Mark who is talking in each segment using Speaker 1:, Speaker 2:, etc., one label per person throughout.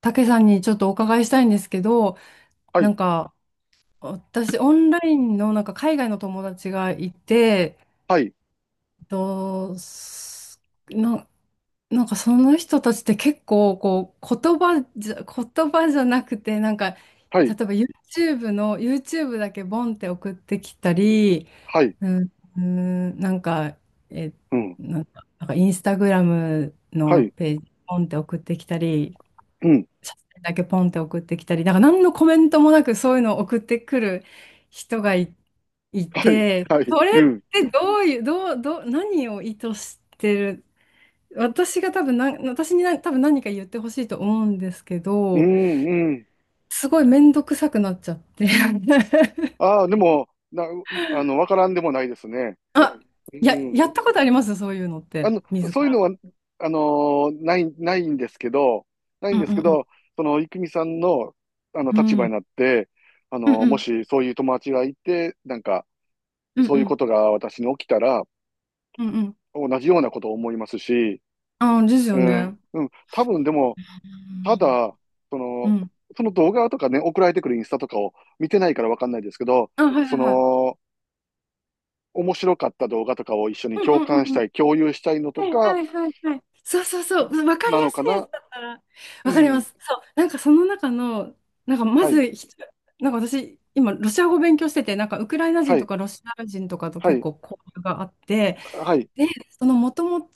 Speaker 1: たけさんにちょっとお伺いしたいんですけど、
Speaker 2: は
Speaker 1: な
Speaker 2: い、
Speaker 1: んか、私、オンラインの、海外の友達がいて、
Speaker 2: はい、
Speaker 1: えっと、すな、なんか、その人たちって結構、こう、言葉じゃなくて、
Speaker 2: は
Speaker 1: 例え
Speaker 2: い、
Speaker 1: ば YouTube だけボンって送ってきたり、
Speaker 2: はい、
Speaker 1: うん、うんなんか、え、
Speaker 2: うん、
Speaker 1: なんか、なんかインスタグラム
Speaker 2: は
Speaker 1: の
Speaker 2: い、
Speaker 1: ページ、ポンって送ってきたり、
Speaker 2: うん、
Speaker 1: 写真だけポンって送ってきたり、なんか何のコメントもなくそういうのを送ってくる人がい、い
Speaker 2: はい、
Speaker 1: て、
Speaker 2: はい、
Speaker 1: それっ
Speaker 2: うん、
Speaker 1: てどういう、どう、どう、何を意図してる、私にな多分何か言ってほしいと思うんですけ
Speaker 2: う
Speaker 1: ど、
Speaker 2: ん、うん。
Speaker 1: すごい面倒くさくなっちゃって。
Speaker 2: ああ、でも、な、あの、わからんでもないですね。
Speaker 1: あ、
Speaker 2: うん。
Speaker 1: やったことありますそういうのっ
Speaker 2: あ
Speaker 1: て、
Speaker 2: の、
Speaker 1: 自
Speaker 2: そういう
Speaker 1: ら。
Speaker 2: のは、あのないんですけど、ない
Speaker 1: う
Speaker 2: ん
Speaker 1: ん
Speaker 2: で
Speaker 1: う
Speaker 2: すけ
Speaker 1: んう
Speaker 2: ど、その、郁美さんの、
Speaker 1: ん。
Speaker 2: 立
Speaker 1: う
Speaker 2: 場に
Speaker 1: ん
Speaker 2: なって、
Speaker 1: うんう
Speaker 2: も
Speaker 1: ん
Speaker 2: しそういう友達がいて、なんか、
Speaker 1: うん
Speaker 2: そう
Speaker 1: う
Speaker 2: いう
Speaker 1: ん
Speaker 2: ことが私に起きたら、
Speaker 1: うんうん。
Speaker 2: 同じようなことを思いますし、
Speaker 1: ああ、です
Speaker 2: う
Speaker 1: よ
Speaker 2: ん、
Speaker 1: ね。
Speaker 2: うん、多分でも、ただ、そ
Speaker 1: うん。う
Speaker 2: の、
Speaker 1: ん。
Speaker 2: その動画とかね、送られてくるインスタとかを見てないからわかんないですけど、
Speaker 1: あ、はいは
Speaker 2: そ
Speaker 1: いはい。
Speaker 2: の、面白かった動画とかを一緒に
Speaker 1: うんう
Speaker 2: 共
Speaker 1: んうん
Speaker 2: 感し
Speaker 1: うん。
Speaker 2: たい、共有したいのと
Speaker 1: はい
Speaker 2: か、
Speaker 1: はいはいはい。そうそうそう。わかり
Speaker 2: な
Speaker 1: や
Speaker 2: のか
Speaker 1: すいや
Speaker 2: な、
Speaker 1: つだったら。
Speaker 2: う
Speaker 1: わかりま
Speaker 2: ん。
Speaker 1: す。そう。なんかその中の、なんかま
Speaker 2: はい、
Speaker 1: ずひ、なんか私、今、ロシア語勉強してて、なんかウクライナ人
Speaker 2: は
Speaker 1: と
Speaker 2: い、
Speaker 1: かロシア人とかと
Speaker 2: は
Speaker 1: 結
Speaker 2: い、
Speaker 1: 構交流があって、
Speaker 2: はい、
Speaker 1: で、そのもとも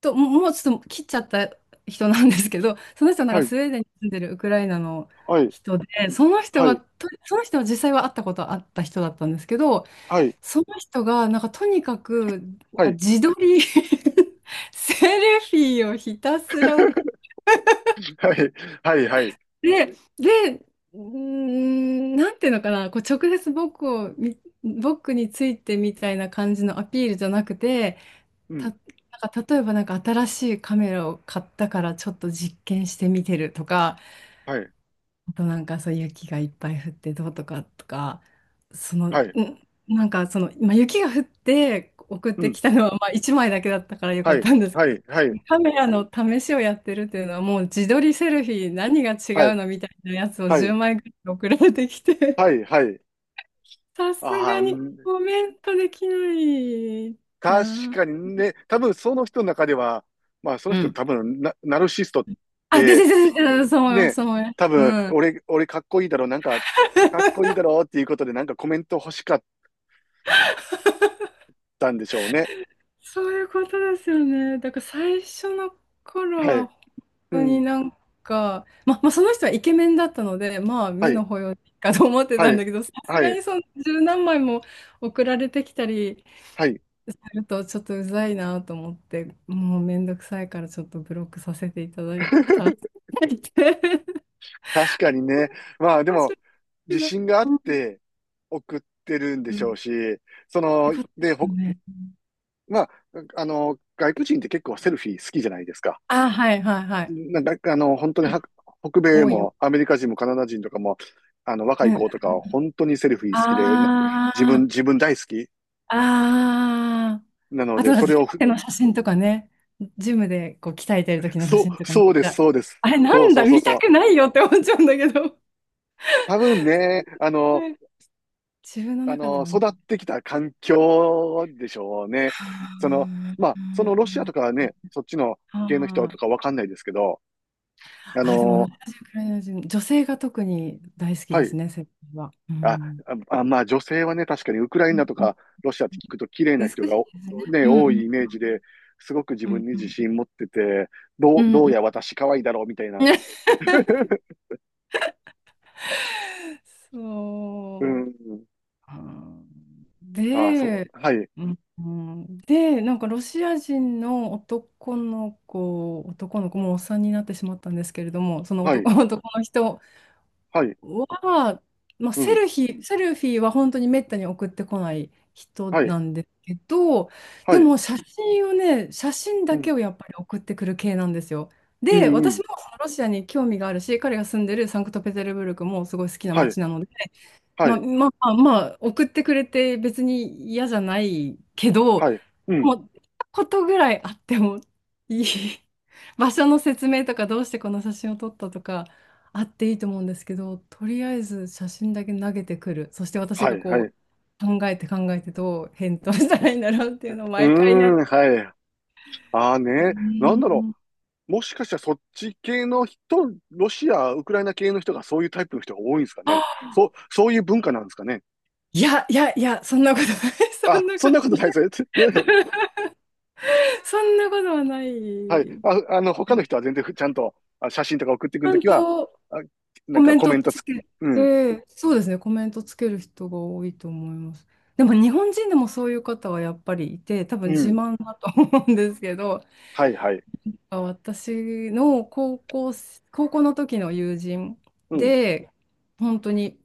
Speaker 1: ももうちょっと切っちゃった人なんですけど、その人はなん
Speaker 2: は
Speaker 1: か
Speaker 2: い、
Speaker 1: スウェーデンに住んでるウクライナの
Speaker 2: はい、
Speaker 1: 人で、その人
Speaker 2: は
Speaker 1: は、
Speaker 2: い、
Speaker 1: とその人は実際は会ったことあった人だったんですけど、
Speaker 2: は
Speaker 1: その人が、なんかとにかく、なん
Speaker 2: い、は
Speaker 1: か
Speaker 2: い、
Speaker 1: 自撮り セルフィーをひたすら送っ
Speaker 2: はい、はい、はい、
Speaker 1: て、で、うーん、なんていうのかな、こう直接僕をみ、僕についてみたいな感じのアピールじゃなくて、
Speaker 2: うん、
Speaker 1: なんか例えばなんか新しいカメラを買ったからちょっと実験してみてるとか、
Speaker 2: はい、
Speaker 1: あとなんかそう雪がいっぱい降ってどうとかとか、その、ん
Speaker 2: はい、
Speaker 1: なんかその、今雪が降って送っ
Speaker 2: う
Speaker 1: て
Speaker 2: ん、
Speaker 1: きたのはまあ1枚だけだったからよか
Speaker 2: は
Speaker 1: っ
Speaker 2: い、
Speaker 1: たんですけ
Speaker 2: はい、はい、
Speaker 1: ど、カメラの試しをやってるっていうのはもう自撮りセルフィー何が違
Speaker 2: はい、
Speaker 1: うのみたいなやつを
Speaker 2: は
Speaker 1: 10
Speaker 2: い、
Speaker 1: 枚ぐらい送られてきて、
Speaker 2: はい、はい。
Speaker 1: さす
Speaker 2: あ
Speaker 1: が
Speaker 2: あ、
Speaker 1: にコメントできない
Speaker 2: 確
Speaker 1: な。
Speaker 2: かにね、多分その人の中では、まあその人の多分ナルシストっ
Speaker 1: ああ、で、
Speaker 2: て、
Speaker 1: で、で、で、でそう思います、
Speaker 2: ね、
Speaker 1: そう思います。
Speaker 2: 多
Speaker 1: う
Speaker 2: 分
Speaker 1: ん。
Speaker 2: 俺かっこいいだろう、なんか、かっこいいだろうっていうことでなんかコメント欲しかったんでしょうね。
Speaker 1: そういうことですよね。だから最初の頃
Speaker 2: は
Speaker 1: は
Speaker 2: い。
Speaker 1: 本
Speaker 2: う
Speaker 1: 当に
Speaker 2: ん。
Speaker 1: なんか、まあその人はイケメンだったので、まあ
Speaker 2: は
Speaker 1: 目
Speaker 2: い。
Speaker 1: の保養かと思って
Speaker 2: は
Speaker 1: たん
Speaker 2: い。
Speaker 1: だけど、さす
Speaker 2: は
Speaker 1: が
Speaker 2: い。
Speaker 1: にその十何枚も送られてきたり
Speaker 2: はい。
Speaker 1: するとちょっとうざいなと思って、もうめんどくさいからちょっとブロックさせていただいた。
Speaker 2: 確かにね。ま
Speaker 1: 面
Speaker 2: あで
Speaker 1: 白
Speaker 2: も、
Speaker 1: い
Speaker 2: 自
Speaker 1: な。
Speaker 2: 信があっ
Speaker 1: うん
Speaker 2: て送ってるんで
Speaker 1: う
Speaker 2: し
Speaker 1: ん。
Speaker 2: ょうし、
Speaker 1: っ
Speaker 2: その、
Speaker 1: てことで
Speaker 2: で、
Speaker 1: すよ
Speaker 2: ほ、
Speaker 1: ね。
Speaker 2: まあ、外国人って結構セルフィー好きじゃないですか。
Speaker 1: あ、はいはいはい。
Speaker 2: なんか、本当には北米
Speaker 1: 多いよ。
Speaker 2: もアメリカ人もカナダ人とかも、若
Speaker 1: う
Speaker 2: い
Speaker 1: ん。
Speaker 2: 子とかは本当にセルフィー好きで、な
Speaker 1: あ
Speaker 2: 自分、自
Speaker 1: あ。
Speaker 2: 分大好き
Speaker 1: ああ。
Speaker 2: なの
Speaker 1: あ
Speaker 2: で、
Speaker 1: と、なん
Speaker 2: そ
Speaker 1: か
Speaker 2: れ
Speaker 1: ジ
Speaker 2: を
Speaker 1: ムで
Speaker 2: ふ、
Speaker 1: の写真とかね、ジムでこう鍛えてる時の写
Speaker 2: そう、
Speaker 1: 真とかめっ
Speaker 2: そうで
Speaker 1: ち
Speaker 2: す、
Speaker 1: ゃ、
Speaker 2: そうです。
Speaker 1: あれな
Speaker 2: そう
Speaker 1: ん
Speaker 2: そ
Speaker 1: だ、
Speaker 2: うそう
Speaker 1: 見
Speaker 2: そ
Speaker 1: た
Speaker 2: う。
Speaker 1: くないよって思っちゃうんだけど。
Speaker 2: 多分ね、
Speaker 1: はい、自分の中では
Speaker 2: 育
Speaker 1: ね。
Speaker 2: ってきた環境でしょうね。
Speaker 1: は
Speaker 2: その、ま
Speaker 1: あ。
Speaker 2: あ、そのロシアとかはね、そっちの
Speaker 1: あ
Speaker 2: 系の人とかわかんないですけど、あ
Speaker 1: あ、あーでも
Speaker 2: の、
Speaker 1: 私はクライナージ女性が特に大好き
Speaker 2: は
Speaker 1: で
Speaker 2: い、
Speaker 1: すね、整形は。う
Speaker 2: あ、
Speaker 1: ん。
Speaker 2: まあ女性はね、確かにウクライ
Speaker 1: うん
Speaker 2: ナと
Speaker 1: うん、
Speaker 2: かロシアって聞くと綺麗
Speaker 1: 美
Speaker 2: な
Speaker 1: しい
Speaker 2: 人
Speaker 1: で
Speaker 2: が
Speaker 1: すね。
Speaker 2: ね、
Speaker 1: うんう
Speaker 2: 多い
Speaker 1: ん
Speaker 2: イメージで、すごく自
Speaker 1: うん
Speaker 2: 分に
Speaker 1: う
Speaker 2: 自
Speaker 1: んうん
Speaker 2: 信持ってて、
Speaker 1: うんう
Speaker 2: ど
Speaker 1: ん
Speaker 2: う
Speaker 1: うん
Speaker 2: や私可愛いだろうみたい
Speaker 1: う
Speaker 2: な。
Speaker 1: ん
Speaker 2: う
Speaker 1: そう。
Speaker 2: ん。
Speaker 1: あ、
Speaker 2: あ、そ
Speaker 1: で、
Speaker 2: う。はい。
Speaker 1: うん、うで、なんかロシア人の男の子、男の子、もうおっさんになってしまったんですけれども、その
Speaker 2: は
Speaker 1: 男、
Speaker 2: い。
Speaker 1: 男の人
Speaker 2: はい。
Speaker 1: は、
Speaker 2: うん。
Speaker 1: セルフィーは本当にめったに送ってこない人
Speaker 2: はい。
Speaker 1: なんですけど、
Speaker 2: は
Speaker 1: で
Speaker 2: い。
Speaker 1: も写真をね、写真
Speaker 2: う
Speaker 1: だ
Speaker 2: ん。
Speaker 1: けをやっぱり送ってくる系なんですよ。
Speaker 2: う
Speaker 1: で、
Speaker 2: ん。う
Speaker 1: 私
Speaker 2: ん。
Speaker 1: もそのロシアに興味があるし、彼が住んでるサンクトペテルブルクもすごい好きな
Speaker 2: はい。
Speaker 1: 街なので、
Speaker 2: はい。
Speaker 1: 送ってくれて別に嫌じゃないけど、
Speaker 2: はい。うん。
Speaker 1: も、ことぐらいあってもいい。場所の説明とか、どうしてこの写真を撮ったとか、あっていいと思うんですけど、とりあえず写真だけ投げてくる。そして私
Speaker 2: は
Speaker 1: が
Speaker 2: い。はい。
Speaker 1: こ
Speaker 2: う
Speaker 1: う、考えて考えてどう返答したらいいんだろうっていうのを
Speaker 2: ー
Speaker 1: 毎回やっ
Speaker 2: ん。
Speaker 1: て。
Speaker 2: はい。ああ
Speaker 1: う
Speaker 2: ね。なんだろ
Speaker 1: ん。
Speaker 2: う。もしかしたらそっち系の人、ロシア、ウクライナ系の人がそういうタイプの人が多いんですかね。そういう文化なんですかね。
Speaker 1: いや、そんなことない。そ
Speaker 2: あ、
Speaker 1: んな
Speaker 2: そん
Speaker 1: こと、
Speaker 2: なことないですよ。
Speaker 1: そんなことはな
Speaker 2: はい。
Speaker 1: い。
Speaker 2: 他の人は全然ちゃんと写真とか送ってく
Speaker 1: ち
Speaker 2: る
Speaker 1: ゃ
Speaker 2: と
Speaker 1: ん
Speaker 2: きは、
Speaker 1: と
Speaker 2: あ、な
Speaker 1: コ
Speaker 2: んか
Speaker 1: メン
Speaker 2: コメ
Speaker 1: ト
Speaker 2: ント
Speaker 1: つ
Speaker 2: つ、
Speaker 1: け
Speaker 2: うん、
Speaker 1: て、そうですね、コメントつける人が多いと思います。でも日本人でもそういう方はやっぱりいて、多分
Speaker 2: う
Speaker 1: 自
Speaker 2: ん、
Speaker 1: 慢だと思うんですけど、
Speaker 2: はい、はい、
Speaker 1: 私の高校、高校の時の友人
Speaker 2: うん、
Speaker 1: で、本当に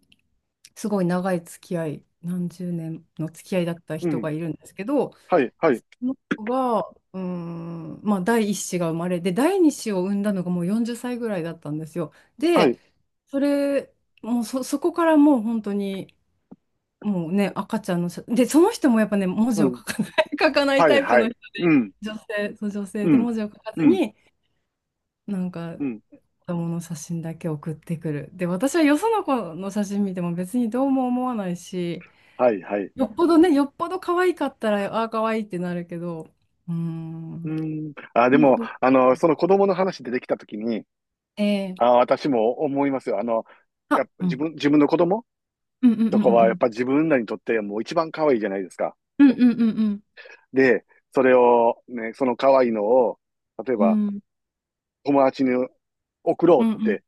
Speaker 1: すごい長い付き合い、何十年の付き合いだった
Speaker 2: う
Speaker 1: 人
Speaker 2: ん、
Speaker 1: がいるんですけど、
Speaker 2: はい、はい、
Speaker 1: の子が、うーん、まあ、第一子が生まれて、第二子を産んだのがもう40歳ぐらいだったんですよ。
Speaker 2: は
Speaker 1: で、
Speaker 2: い、
Speaker 1: それ、そこからもう本当に、もうね、赤ちゃんの写、で、その人もやっぱね、文
Speaker 2: う
Speaker 1: 字を書
Speaker 2: ん、
Speaker 1: かない、書かない
Speaker 2: はい、
Speaker 1: タイプ
Speaker 2: は
Speaker 1: の
Speaker 2: い、
Speaker 1: 人
Speaker 2: うん、
Speaker 1: 女性、そう、女性
Speaker 2: う
Speaker 1: で
Speaker 2: ん、
Speaker 1: 文字を書か
Speaker 2: う
Speaker 1: ず
Speaker 2: ん、
Speaker 1: に、なんか、
Speaker 2: うん、
Speaker 1: 子供の写真だけ送ってくる。で、私はよその子の写真見ても別にどうも思わないし、
Speaker 2: はい、はい。
Speaker 1: よっぽどね、よっぽど可愛かったら、ああ、可愛いってなるけど、うー
Speaker 2: う
Speaker 1: ん。
Speaker 2: ん。あ、でも、その子供の話出てきたときに、
Speaker 1: え
Speaker 2: あ、
Speaker 1: え、
Speaker 2: 私も思いますよ。やっ
Speaker 1: あ、
Speaker 2: ぱ
Speaker 1: うん。
Speaker 2: 自分の子供
Speaker 1: うんうんう
Speaker 2: と
Speaker 1: ん
Speaker 2: か
Speaker 1: うんう
Speaker 2: はやっ
Speaker 1: ん。
Speaker 2: ぱ自分らにとってもう一番可愛いじゃないですか。
Speaker 1: うんうんうんうん。
Speaker 2: で、それをね、その可愛いのを、例え
Speaker 1: う
Speaker 2: ば
Speaker 1: ん
Speaker 2: 友達に送ろう
Speaker 1: うん
Speaker 2: っ
Speaker 1: うん。
Speaker 2: て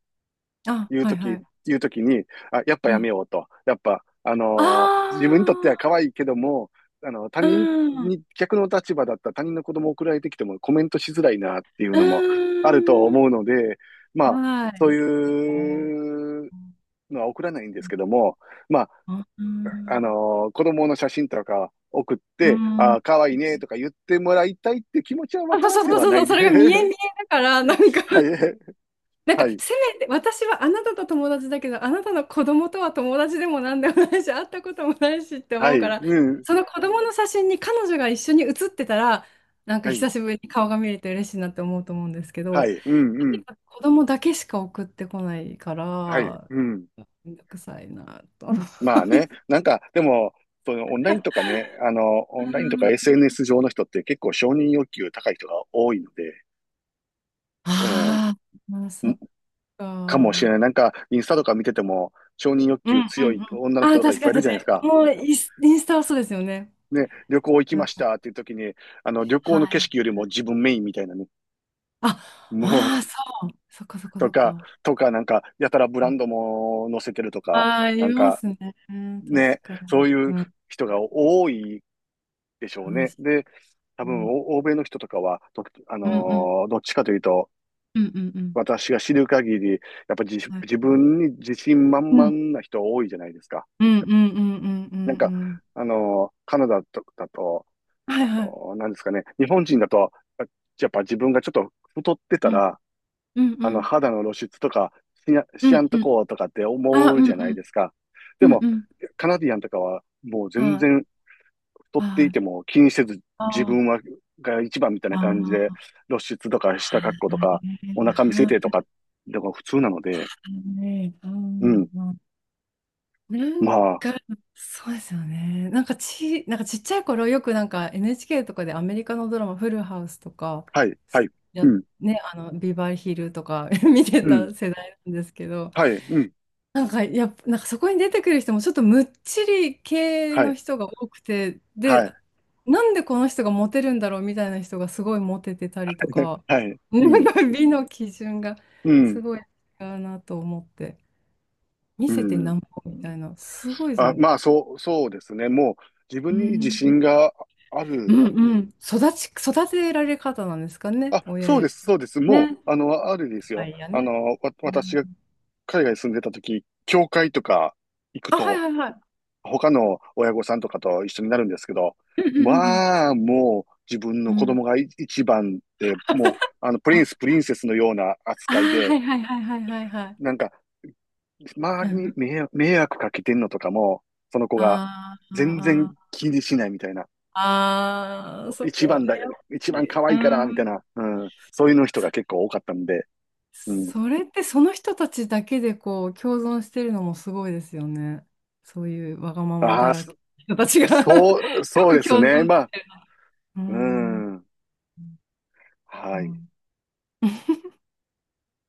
Speaker 1: あ、
Speaker 2: いう
Speaker 1: はい
Speaker 2: と
Speaker 1: は
Speaker 2: き、
Speaker 1: い。
Speaker 2: 言うときに、あ、やっぱや
Speaker 1: え
Speaker 2: めよ
Speaker 1: え、
Speaker 2: うと。やっぱ、
Speaker 1: あ
Speaker 2: 自分にとっては可
Speaker 1: あ、
Speaker 2: 愛いけども、他
Speaker 1: う
Speaker 2: 人
Speaker 1: ん。
Speaker 2: に、逆の立場だったら他人の子供送られてきてもコメントしづらいなっていう
Speaker 1: う
Speaker 2: のもあると
Speaker 1: ん。
Speaker 2: 思うので、まあ、
Speaker 1: は
Speaker 2: そう
Speaker 1: い。あー、
Speaker 2: いう
Speaker 1: う
Speaker 2: のは送らないんですけども、まあ、
Speaker 1: ん。
Speaker 2: 子供の写真とか送っ
Speaker 1: う
Speaker 2: て、あ
Speaker 1: ん。
Speaker 2: あ、かわいいねとか言ってもらいたいって気持ちはわ
Speaker 1: あ、
Speaker 2: か
Speaker 1: そ
Speaker 2: らん
Speaker 1: う
Speaker 2: で
Speaker 1: そう
Speaker 2: は
Speaker 1: そう
Speaker 2: な
Speaker 1: そ
Speaker 2: い
Speaker 1: う、そ
Speaker 2: で。
Speaker 1: れが見え見 えだから、
Speaker 2: はい、はい、
Speaker 1: せめて、私はあなたと友達だけど、あなたの子供とは友達でもなんでもないし、会ったこともないしって
Speaker 2: は
Speaker 1: 思うか
Speaker 2: い、
Speaker 1: ら、
Speaker 2: うん、
Speaker 1: その子供の写真に彼女が一緒に写ってたら、なんか
Speaker 2: はい、
Speaker 1: 久しぶりに顔が見れて嬉しいなって思うと思うんですけ
Speaker 2: は
Speaker 1: ど、
Speaker 2: い、うん、う
Speaker 1: とに
Speaker 2: ん、
Speaker 1: かく子供だけしか送ってこないか
Speaker 2: はい、
Speaker 1: ら、
Speaker 2: うん。
Speaker 1: めんどくさいなと。あ
Speaker 2: まあね、なんか、でも、オンラインとか SNS 上の人って結構承認欲求高い人が多いので、うん、
Speaker 1: あー、まあ、そっ
Speaker 2: かも
Speaker 1: か。
Speaker 2: しれない。なんか、インスタとか見てても、承認欲
Speaker 1: うん
Speaker 2: 求
Speaker 1: うん
Speaker 2: 強い
Speaker 1: うん。
Speaker 2: 女の
Speaker 1: あ
Speaker 2: 人
Speaker 1: あ、
Speaker 2: とかいっ
Speaker 1: 確
Speaker 2: ぱ
Speaker 1: か
Speaker 2: い
Speaker 1: に
Speaker 2: いる
Speaker 1: 確
Speaker 2: じゃ
Speaker 1: か
Speaker 2: ないです
Speaker 1: に。
Speaker 2: か。
Speaker 1: もうインスタはそうですよね。
Speaker 2: ね、旅行行き
Speaker 1: う
Speaker 2: ま
Speaker 1: ん。
Speaker 2: したっていう時に、旅
Speaker 1: は
Speaker 2: 行の景
Speaker 1: い。
Speaker 2: 色よりも自分メインみたいなね。
Speaker 1: あ、
Speaker 2: もう、
Speaker 1: ああ、そっかそっか
Speaker 2: と
Speaker 1: そっ
Speaker 2: か、
Speaker 1: か。
Speaker 2: とか、なんか、やたらブランドも載せてると
Speaker 1: あ
Speaker 2: か、
Speaker 1: あ、あ
Speaker 2: な
Speaker 1: り
Speaker 2: ん
Speaker 1: ま
Speaker 2: か、
Speaker 1: すね。うん、確
Speaker 2: ね、
Speaker 1: か
Speaker 2: そ
Speaker 1: に。
Speaker 2: ういう
Speaker 1: うん。
Speaker 2: 人が多いでしょ
Speaker 1: 確
Speaker 2: うね。
Speaker 1: か
Speaker 2: で、多分、
Speaker 1: に。
Speaker 2: 欧米の人とかは、とあの
Speaker 1: うんうん
Speaker 2: ーどっちかというと、
Speaker 1: うんうんうん。
Speaker 2: 私が知る限り、やっぱ
Speaker 1: はい。
Speaker 2: 自分に自信満
Speaker 1: う
Speaker 2: 々
Speaker 1: ん
Speaker 2: な人多いじゃないですか。
Speaker 1: うんうんうんうんう
Speaker 2: なん
Speaker 1: んう
Speaker 2: か、
Speaker 1: ん。
Speaker 2: カナダとだと、
Speaker 1: はいはい。
Speaker 2: なんですかね、日本人だと、あやっぱ自分がちょっと太ってた
Speaker 1: うん
Speaker 2: ら、
Speaker 1: うんうん
Speaker 2: 肌の露出とか
Speaker 1: う
Speaker 2: しや
Speaker 1: ん
Speaker 2: んと
Speaker 1: うん。
Speaker 2: こうとかって
Speaker 1: あ、
Speaker 2: 思うじゃないですか。で
Speaker 1: うん
Speaker 2: も、
Speaker 1: うん。
Speaker 2: カナディアンとかは、もう全
Speaker 1: はい。
Speaker 2: 然太って
Speaker 1: あ
Speaker 2: い
Speaker 1: あ、
Speaker 2: ても気にせず、自
Speaker 1: あ
Speaker 2: 分は、が一番みたい
Speaker 1: あ、
Speaker 2: な感じで、
Speaker 1: ああ、
Speaker 2: 露出とか
Speaker 1: は
Speaker 2: 下
Speaker 1: い。
Speaker 2: 格好と
Speaker 1: は
Speaker 2: か、お腹見せ
Speaker 1: い。は
Speaker 2: てと
Speaker 1: い。
Speaker 2: か、のが普通なので、
Speaker 1: う
Speaker 2: うん、
Speaker 1: んうん、な
Speaker 2: ま
Speaker 1: ん
Speaker 2: あ、
Speaker 1: か、そうですよね。なんかちっちゃい頃よくなんか NHK とかでアメリカのドラマ、フルハウスとか、
Speaker 2: はい、はい、う
Speaker 1: や、
Speaker 2: ん、
Speaker 1: ね、あの、ビバリーヒルとか 見て
Speaker 2: うん、
Speaker 1: た世代なんですけど、
Speaker 2: はい、うん、
Speaker 1: なんかやっぱ、なんかそこに出てくる人もちょっとむっちり系
Speaker 2: は
Speaker 1: の
Speaker 2: い、
Speaker 1: 人が多くて、で、
Speaker 2: はい、
Speaker 1: なんでこの人がモテるんだろうみたいな人がすごいモテてたりと か、
Speaker 2: はい、
Speaker 1: な
Speaker 2: う
Speaker 1: ん
Speaker 2: ん、
Speaker 1: か美の基準が
Speaker 2: うん、
Speaker 1: すごい違うなと思って、見
Speaker 2: う
Speaker 1: せてな
Speaker 2: ん。
Speaker 1: んぼみたいな、すごいです
Speaker 2: あ、
Speaker 1: ね。
Speaker 2: まあ、そうですね。もう、自
Speaker 1: う
Speaker 2: 分に自信
Speaker 1: ん、
Speaker 2: があ
Speaker 1: う
Speaker 2: る。
Speaker 1: んうん。育ち、育てられ方なんですかね、
Speaker 2: あ、
Speaker 1: 親
Speaker 2: そう
Speaker 1: や。
Speaker 2: です、そうです。も
Speaker 1: ね。
Speaker 2: う、あるです
Speaker 1: は
Speaker 2: よ。
Speaker 1: いやね。うん、
Speaker 2: 私が海外に住んでた時、教会とか行く
Speaker 1: あ、はい
Speaker 2: と、
Speaker 1: はいはい。
Speaker 2: 他の親御さんとかと一緒になるんですけど、
Speaker 1: うんうんうん
Speaker 2: まあ、もう、自分の
Speaker 1: う
Speaker 2: 子
Speaker 1: ん、
Speaker 2: 供が一番で、もう、
Speaker 1: あ、
Speaker 2: プリンセスのような
Speaker 1: あ
Speaker 2: 扱い
Speaker 1: ー、は
Speaker 2: で、
Speaker 1: いはいはいはいはいはい。
Speaker 2: なんか、周
Speaker 1: う
Speaker 2: りに
Speaker 1: ん、
Speaker 2: 迷惑かけてんのとかも、その子が
Speaker 1: あー
Speaker 2: 全然
Speaker 1: あー、
Speaker 2: 気にしないみたいな。
Speaker 1: あーそ
Speaker 2: 一
Speaker 1: こは
Speaker 2: 番
Speaker 1: ね、
Speaker 2: だ、
Speaker 1: やっぱ
Speaker 2: 一番可
Speaker 1: り。う
Speaker 2: 愛いから、みた
Speaker 1: ん。
Speaker 2: いな、うん、そういうの人が結構多かったんで、うん。
Speaker 1: それってその人たちだけでこう共存してるのもすごいですよね。そういうわがまま
Speaker 2: あ
Speaker 1: だ
Speaker 2: あ、
Speaker 1: らけの人たちが よ
Speaker 2: そう、そう
Speaker 1: く
Speaker 2: です
Speaker 1: 共
Speaker 2: ね。
Speaker 1: 存
Speaker 2: ま
Speaker 1: でき
Speaker 2: あ、
Speaker 1: てるな。う
Speaker 2: う
Speaker 1: ん。う
Speaker 2: ん。はい。
Speaker 1: ん